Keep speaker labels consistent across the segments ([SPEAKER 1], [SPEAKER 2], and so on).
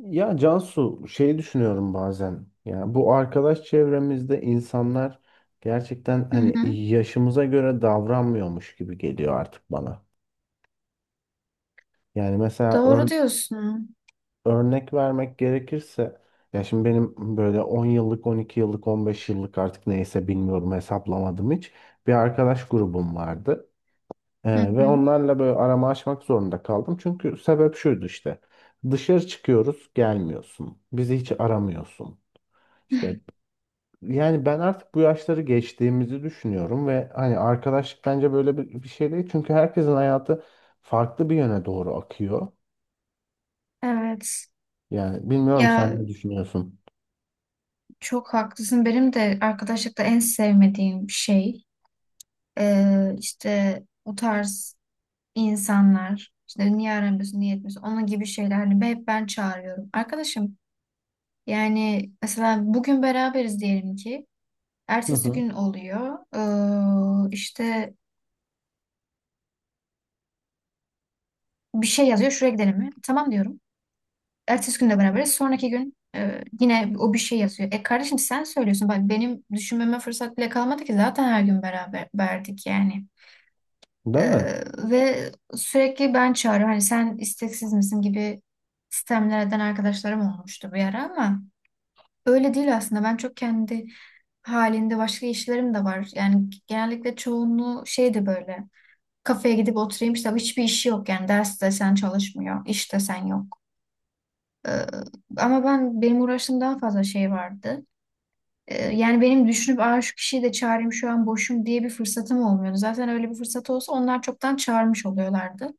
[SPEAKER 1] Ya Cansu şey düşünüyorum bazen. Ya bu arkadaş çevremizde insanlar gerçekten
[SPEAKER 2] Hı
[SPEAKER 1] hani
[SPEAKER 2] hı.
[SPEAKER 1] yaşımıza göre davranmıyormuş gibi geliyor artık bana. Yani mesela
[SPEAKER 2] Doğru diyorsun.
[SPEAKER 1] örnek vermek gerekirse ya şimdi benim böyle 10 yıllık, 12 yıllık, 15 yıllık artık neyse bilmiyorum hesaplamadım hiç. Bir arkadaş grubum vardı. Ee,
[SPEAKER 2] Hı
[SPEAKER 1] ve
[SPEAKER 2] hı.
[SPEAKER 1] onlarla böyle aramı açmak zorunda kaldım. Çünkü sebep şuydu işte. Dışarı çıkıyoruz, gelmiyorsun. Bizi hiç aramıyorsun. İşte. Yani ben artık bu yaşları geçtiğimizi düşünüyorum ve hani arkadaşlık bence böyle bir şey değil. Çünkü herkesin hayatı farklı bir yöne doğru akıyor.
[SPEAKER 2] Evet.
[SPEAKER 1] Yani bilmiyorum sen
[SPEAKER 2] Ya
[SPEAKER 1] ne düşünüyorsun?
[SPEAKER 2] çok haklısın. Benim de arkadaşlıkta en sevmediğim şey işte o tarz insanlar. İşte niye aramıyorsun, niye etmiyorsun, onun gibi şeyler. Hani hep ben çağırıyorum. Arkadaşım yani mesela bugün beraberiz diyelim ki.
[SPEAKER 1] Hı
[SPEAKER 2] Ertesi
[SPEAKER 1] hı.
[SPEAKER 2] gün oluyor. İşte bir şey yazıyor. Şuraya gidelim mi? Tamam diyorum. Ertesi gün de beraberiz. Sonraki gün yine o bir şey yazıyor. E kardeşim sen söylüyorsun. Bak benim düşünmeme fırsat bile kalmadı ki zaten her gün beraber verdik yani.
[SPEAKER 1] Değil mi?
[SPEAKER 2] Ve sürekli ben çağırıyorum. Hani sen isteksiz misin gibi sistemlerden arkadaşlarım olmuştu bir ara ama öyle değil aslında. Ben çok kendi halinde başka işlerim de var. Yani genellikle çoğunluğu şeydi böyle. Kafeye gidip oturayım işte hiçbir işi yok yani ders desen çalışmıyor, iş desen yok. Ee, ama ben benim uğraştığım daha fazla şey vardı. Yani benim düşünüp aa, şu kişiyi de çağırayım şu an boşum diye bir fırsatım olmuyordu. Zaten öyle bir fırsat olsa onlar çoktan çağırmış oluyorlardı.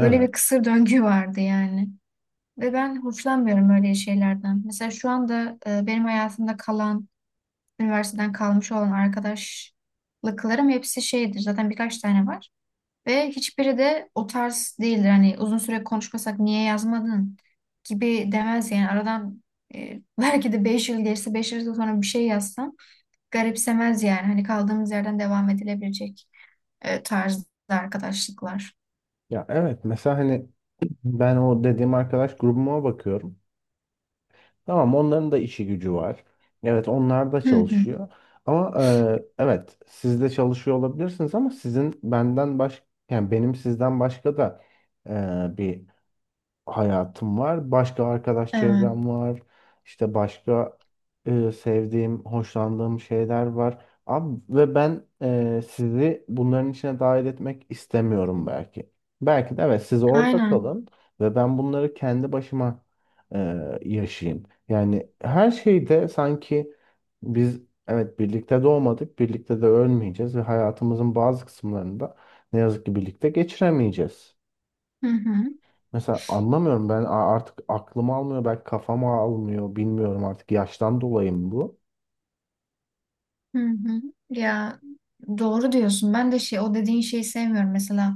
[SPEAKER 2] Böyle bir kısır döngü vardı yani. Ve ben hoşlanmıyorum öyle şeylerden. Mesela şu anda benim hayatımda kalan, üniversiteden kalmış olan arkadaşlıklarım hepsi şeydir. Zaten birkaç tane var. Ve hiçbiri de o tarz değildir. Hani uzun süre konuşmasak niye yazmadın gibi demez yani. Aradan belki de 5 yıl geçse 5 yıl sonra bir şey yazsam garipsemez yani. Hani kaldığımız yerden devam edilebilecek tarzda arkadaşlıklar.
[SPEAKER 1] Ya evet mesela hani ben o dediğim arkadaş grubuma bakıyorum. Tamam onların da işi gücü var. Evet onlar da
[SPEAKER 2] Hı hı.
[SPEAKER 1] çalışıyor. Ama evet siz de çalışıyor olabilirsiniz ama sizin benden baş. Yani benim sizden başka da bir hayatım var. Başka arkadaş
[SPEAKER 2] Evet.
[SPEAKER 1] çevrem var. İşte başka sevdiğim, hoşlandığım şeyler var. Abi, ve ben sizi bunların içine dahil etmek istemiyorum belki. Belki de evet siz orada
[SPEAKER 2] Aynen.
[SPEAKER 1] kalın ve ben bunları kendi başıma e, yaşayayım. Yani her şeyde sanki biz evet birlikte doğmadık, birlikte de ölmeyeceğiz ve hayatımızın bazı kısımlarında ne yazık ki birlikte geçiremeyeceğiz.
[SPEAKER 2] Hı hı.
[SPEAKER 1] Mesela anlamıyorum ben artık aklım almıyor belki kafam almıyor bilmiyorum artık yaştan dolayı mı bu?
[SPEAKER 2] Hı hı. Ya doğru diyorsun. Ben de şey o dediğin şeyi sevmiyorum. Mesela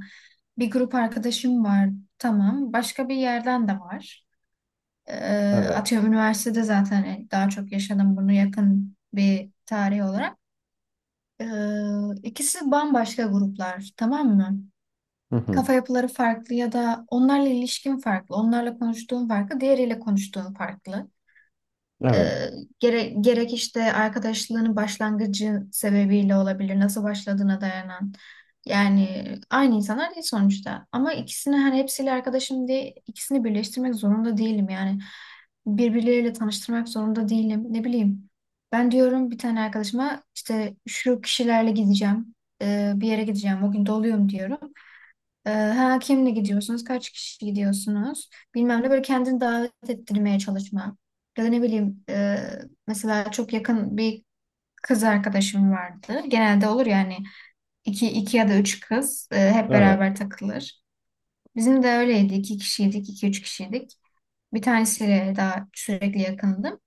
[SPEAKER 2] bir grup arkadaşım var. Tamam. Başka bir yerden de var. Ee,
[SPEAKER 1] Evet.
[SPEAKER 2] atıyorum üniversitede zaten yani daha çok yaşadım bunu yakın bir tarih olarak. İkisi bambaşka gruplar, tamam mı?
[SPEAKER 1] Hı hı.
[SPEAKER 2] Kafa yapıları farklı ya da onlarla ilişkin farklı, onlarla konuştuğun farklı, diğeriyle konuştuğun farklı. E,
[SPEAKER 1] Evet.
[SPEAKER 2] gerek işte arkadaşlığının başlangıcı sebebiyle olabilir, nasıl başladığına dayanan. Yani aynı insanlar değil sonuçta. Ama ikisini hani hepsiyle arkadaşım diye ikisini birleştirmek zorunda değilim. Yani birbirleriyle tanıştırmak zorunda değilim. Ne bileyim. Ben diyorum bir tane arkadaşıma işte şu kişilerle gideceğim. Bir yere gideceğim. O gün doluyum diyorum. Ha, kimle gidiyorsunuz? Kaç kişi gidiyorsunuz? Bilmem ne böyle kendini davet ettirmeye çalışma. Ya da ne bileyim mesela çok yakın bir kız arkadaşım vardı. Genelde olur yani iki, iki ya da üç kız hep
[SPEAKER 1] Evet.
[SPEAKER 2] beraber takılır. Bizim de öyleydi. İki kişiydik, iki üç kişiydik. Bir tanesiyle daha sürekli yakındım.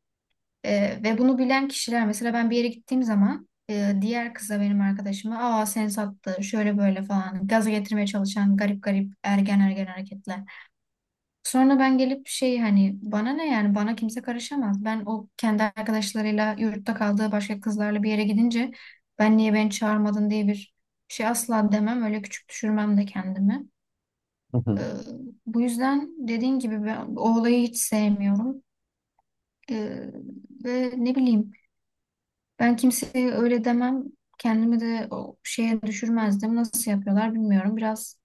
[SPEAKER 2] Ve bunu bilen kişiler mesela ben bir yere gittiğim zaman diğer kıza benim arkadaşıma aa sen sattı şöyle böyle falan gaza getirmeye çalışan garip garip ergen ergen hareketler. Sonra ben gelip şey hani bana ne yani bana kimse karışamaz. Ben o kendi arkadaşlarıyla yurtta kaldığı başka kızlarla bir yere gidince ben niye beni çağırmadın diye bir şey asla demem öyle küçük düşürmem de kendimi.
[SPEAKER 1] Hı
[SPEAKER 2] Ee,
[SPEAKER 1] hı.
[SPEAKER 2] bu yüzden dediğin gibi ben o olayı hiç sevmiyorum. Ee, ve ne bileyim ben kimseye öyle demem. Kendimi de o şeye düşürmezdim. Nasıl yapıyorlar bilmiyorum. Biraz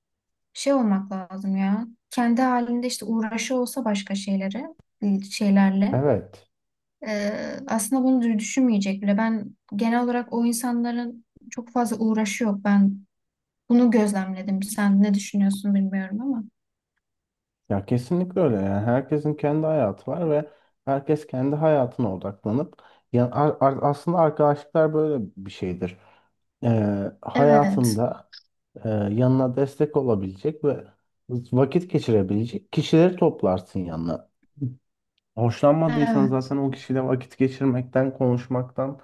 [SPEAKER 2] şey olmak lazım ya. Kendi halinde işte uğraşı olsa başka şeyleri, şeylerle.
[SPEAKER 1] Evet.
[SPEAKER 2] Aslında bunu düşünmeyecek bile. Ben genel olarak o insanların çok fazla uğraşı yok. Ben bunu gözlemledim. Sen ne düşünüyorsun bilmiyorum ama.
[SPEAKER 1] Ya kesinlikle öyle yani herkesin kendi hayatı var ve herkes kendi hayatına odaklanıp yani aslında arkadaşlıklar böyle bir şeydir. Ee,
[SPEAKER 2] Evet.
[SPEAKER 1] hayatında yanına destek olabilecek ve vakit geçirebilecek kişileri toplarsın yanına. Hoşlanmadıysan
[SPEAKER 2] Evet.
[SPEAKER 1] zaten o kişiyle vakit geçirmekten, konuşmaktan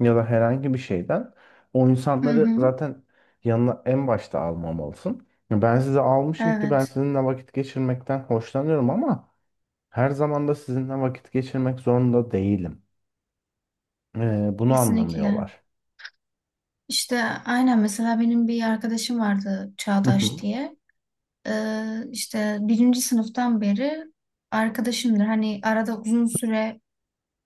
[SPEAKER 1] ya da herhangi bir şeyden o
[SPEAKER 2] Hı
[SPEAKER 1] insanları
[SPEAKER 2] hı.
[SPEAKER 1] zaten yanına en başta almamalısın. Ya ben sizi almışım ki ben
[SPEAKER 2] Evet.
[SPEAKER 1] sizinle vakit geçirmekten hoşlanıyorum ama her zaman da sizinle vakit geçirmek zorunda değilim. Bunu
[SPEAKER 2] Kesinlikle.
[SPEAKER 1] anlamıyorlar.
[SPEAKER 2] İşte aynen mesela benim bir arkadaşım vardı
[SPEAKER 1] Hı
[SPEAKER 2] Çağdaş
[SPEAKER 1] hı.
[SPEAKER 2] diye. İşte birinci sınıftan beri arkadaşımdır. Hani arada uzun süre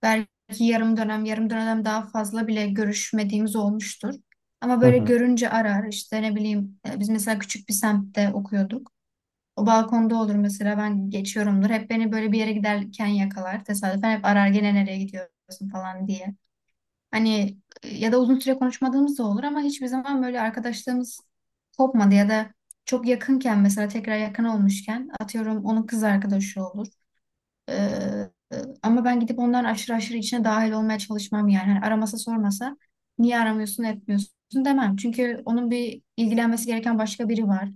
[SPEAKER 2] belki yarım dönem, yarım dönem daha fazla bile görüşmediğimiz olmuştur. Ama
[SPEAKER 1] Hı
[SPEAKER 2] böyle
[SPEAKER 1] hı.
[SPEAKER 2] görünce arar. İşte ne bileyim biz mesela küçük bir semtte okuyorduk. O balkonda olur mesela ben geçiyorumdur. Hep beni böyle bir yere giderken yakalar tesadüfen hep arar gene nereye gidiyorsun falan diye. Hani ya da uzun süre konuşmadığımız da olur ama hiçbir zaman böyle arkadaşlığımız kopmadı ya da çok yakınken mesela tekrar yakın olmuşken atıyorum onun kız arkadaşı olur. Ee, e, ama ben gidip onların aşırı aşırı içine dahil olmaya çalışmam yani. Hani aramasa sormasa niye aramıyorsun etmiyorsun demem. Çünkü onun bir ilgilenmesi gereken başka biri var.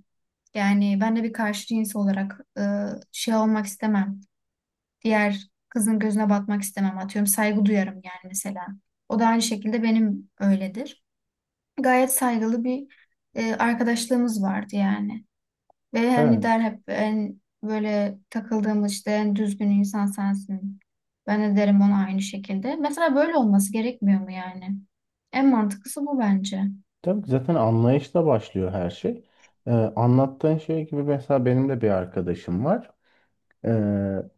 [SPEAKER 2] Yani ben de bir karşı cins olarak şey olmak istemem diğer kızın gözüne batmak istemem atıyorum. Saygı duyarım yani mesela. O da aynı şekilde benim öyledir. Gayet saygılı bir arkadaşlığımız vardı yani. Ve hani der
[SPEAKER 1] Evet.
[SPEAKER 2] hep en böyle takıldığımız işte en düzgün insan sensin. Ben de derim ona aynı şekilde. Mesela böyle olması gerekmiyor mu yani? En mantıklısı bu bence.
[SPEAKER 1] Tabii ki zaten anlayışla başlıyor her şey. Anlattığın şey gibi mesela benim de bir arkadaşım var. Ee,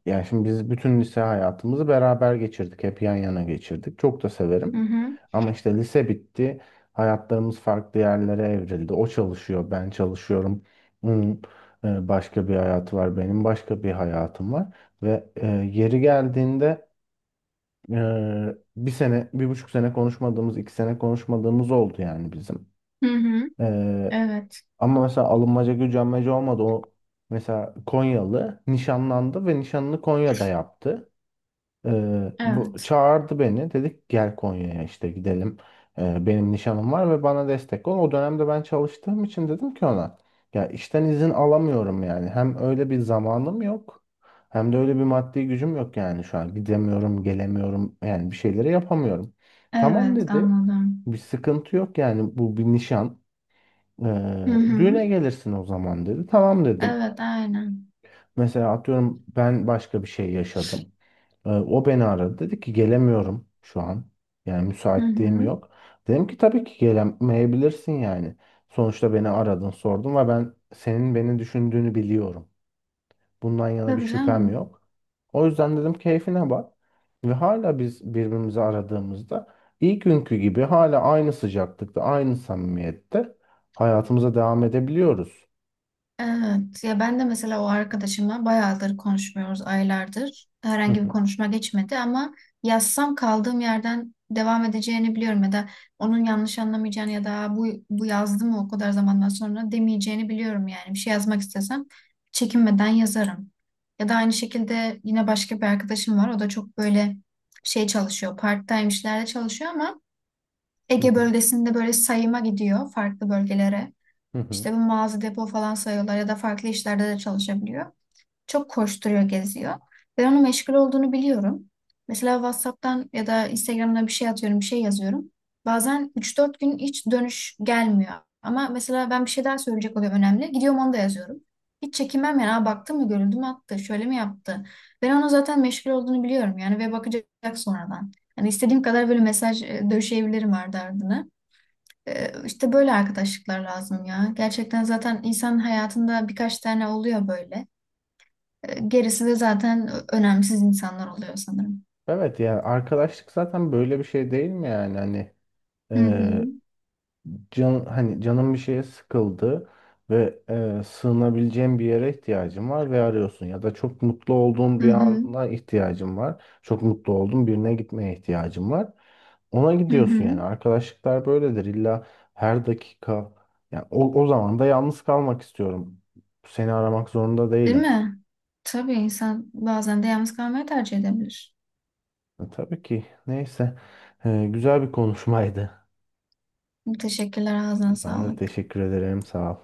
[SPEAKER 1] yani şimdi biz bütün lise hayatımızı beraber geçirdik. Hep yan yana geçirdik. Çok da
[SPEAKER 2] Hı
[SPEAKER 1] severim.
[SPEAKER 2] hı.
[SPEAKER 1] Ama işte lise bitti. Hayatlarımız farklı yerlere evrildi. O çalışıyor, ben çalışıyorum. Onun başka bir hayatı var, benim başka bir hayatım var. Ve yeri geldiğinde e, bir sene, bir buçuk sene konuşmadığımız, iki sene konuşmadığımız oldu yani bizim.
[SPEAKER 2] Hı hı.
[SPEAKER 1] E,
[SPEAKER 2] Evet.
[SPEAKER 1] ama mesela alınmaca gücenmece olmadı. O mesela Konyalı nişanlandı ve nişanını Konya'da yaptı. Bu
[SPEAKER 2] Evet.
[SPEAKER 1] çağırdı beni. Dedik gel Konya'ya işte gidelim. Benim nişanım var ve bana destek ol. O dönemde ben çalıştığım için dedim ki ona ya işten izin alamıyorum yani. Hem öyle bir zamanım yok. Hem de öyle bir maddi gücüm yok yani şu an. Gidemiyorum, gelemiyorum. Yani bir şeyleri yapamıyorum. Tamam
[SPEAKER 2] Evet
[SPEAKER 1] dedi.
[SPEAKER 2] anladım.
[SPEAKER 1] Bir sıkıntı yok yani bu bir nişan.
[SPEAKER 2] Hı
[SPEAKER 1] Ee,
[SPEAKER 2] hı.
[SPEAKER 1] düğüne gelirsin o zaman dedi. Tamam dedim.
[SPEAKER 2] Evet aynen.
[SPEAKER 1] Mesela atıyorum ben başka bir şey yaşadım. O beni aradı. Dedi ki gelemiyorum şu an. Yani
[SPEAKER 2] Hı
[SPEAKER 1] müsaitliğim
[SPEAKER 2] hı.
[SPEAKER 1] yok. Dedim ki tabii ki gelemeyebilirsin yani. Sonuçta beni aradın sordun ve ben senin beni düşündüğünü biliyorum. Bundan yana bir
[SPEAKER 2] Tabii
[SPEAKER 1] şüphem
[SPEAKER 2] canım.
[SPEAKER 1] yok. O yüzden dedim keyfine bak. Ve hala biz birbirimizi aradığımızda ilk günkü gibi hala aynı sıcaklıkta, aynı samimiyette hayatımıza devam edebiliyoruz.
[SPEAKER 2] Evet ya ben de mesela o arkadaşımla bayağıdır konuşmuyoruz aylardır.
[SPEAKER 1] Hı
[SPEAKER 2] Herhangi bir
[SPEAKER 1] hı,
[SPEAKER 2] konuşma geçmedi ama yazsam kaldığım yerden devam edeceğini biliyorum ya da onun yanlış anlamayacağını ya da bu yazdı mı o kadar zamandan sonra demeyeceğini biliyorum yani. Bir şey yazmak istesem çekinmeden yazarım. Ya da aynı şekilde yine başka bir arkadaşım var. O da çok böyle şey çalışıyor. Part-time işlerde çalışıyor ama
[SPEAKER 1] hı
[SPEAKER 2] Ege
[SPEAKER 1] hı,
[SPEAKER 2] bölgesinde böyle sayıma gidiyor farklı bölgelere.
[SPEAKER 1] hı hı.
[SPEAKER 2] İşte bu mağaza depo falan sayıyorlar ya da farklı işlerde de çalışabiliyor. Çok koşturuyor, geziyor. Ben onun meşgul olduğunu biliyorum. Mesela WhatsApp'tan ya da Instagram'dan bir şey atıyorum, bir şey yazıyorum. Bazen üç dört gün hiç dönüş gelmiyor. Ama mesela ben bir şey daha söyleyecek oluyor önemli. Gidiyorum onu da yazıyorum. Hiç çekinmem yani. Aa, baktı mı görüldü mü attı, şöyle mi yaptı? Ben onun zaten meşgul olduğunu biliyorum yani ve bakacak sonradan. Yani istediğim kadar böyle mesaj döşeyebilirim ardı ardına. İşte böyle arkadaşlıklar lazım ya. Gerçekten zaten insan hayatında birkaç tane oluyor böyle. Gerisi de zaten önemsiz insanlar oluyor sanırım.
[SPEAKER 1] Evet yani arkadaşlık zaten böyle bir şey değil mi yani hani
[SPEAKER 2] Hı hı.
[SPEAKER 1] e, can hani canım bir şeye sıkıldı ve sığınabileceğim bir yere ihtiyacım var ve arıyorsun ya da çok mutlu olduğum
[SPEAKER 2] Hı
[SPEAKER 1] bir
[SPEAKER 2] hı.
[SPEAKER 1] ana ihtiyacım var çok mutlu olduğum birine gitmeye ihtiyacım var ona
[SPEAKER 2] Hı
[SPEAKER 1] gidiyorsun
[SPEAKER 2] hı.
[SPEAKER 1] yani arkadaşlıklar böyledir illa her dakika yani o zaman da yalnız kalmak istiyorum seni aramak zorunda
[SPEAKER 2] Değil
[SPEAKER 1] değilim.
[SPEAKER 2] mi? Tabii insan bazen de yalnız kalmayı tercih edebilir.
[SPEAKER 1] Tabii ki. Neyse. Güzel bir konuşmaydı.
[SPEAKER 2] Teşekkürler, ağzına
[SPEAKER 1] Ben de
[SPEAKER 2] sağlık.
[SPEAKER 1] teşekkür ederim. Sağ ol.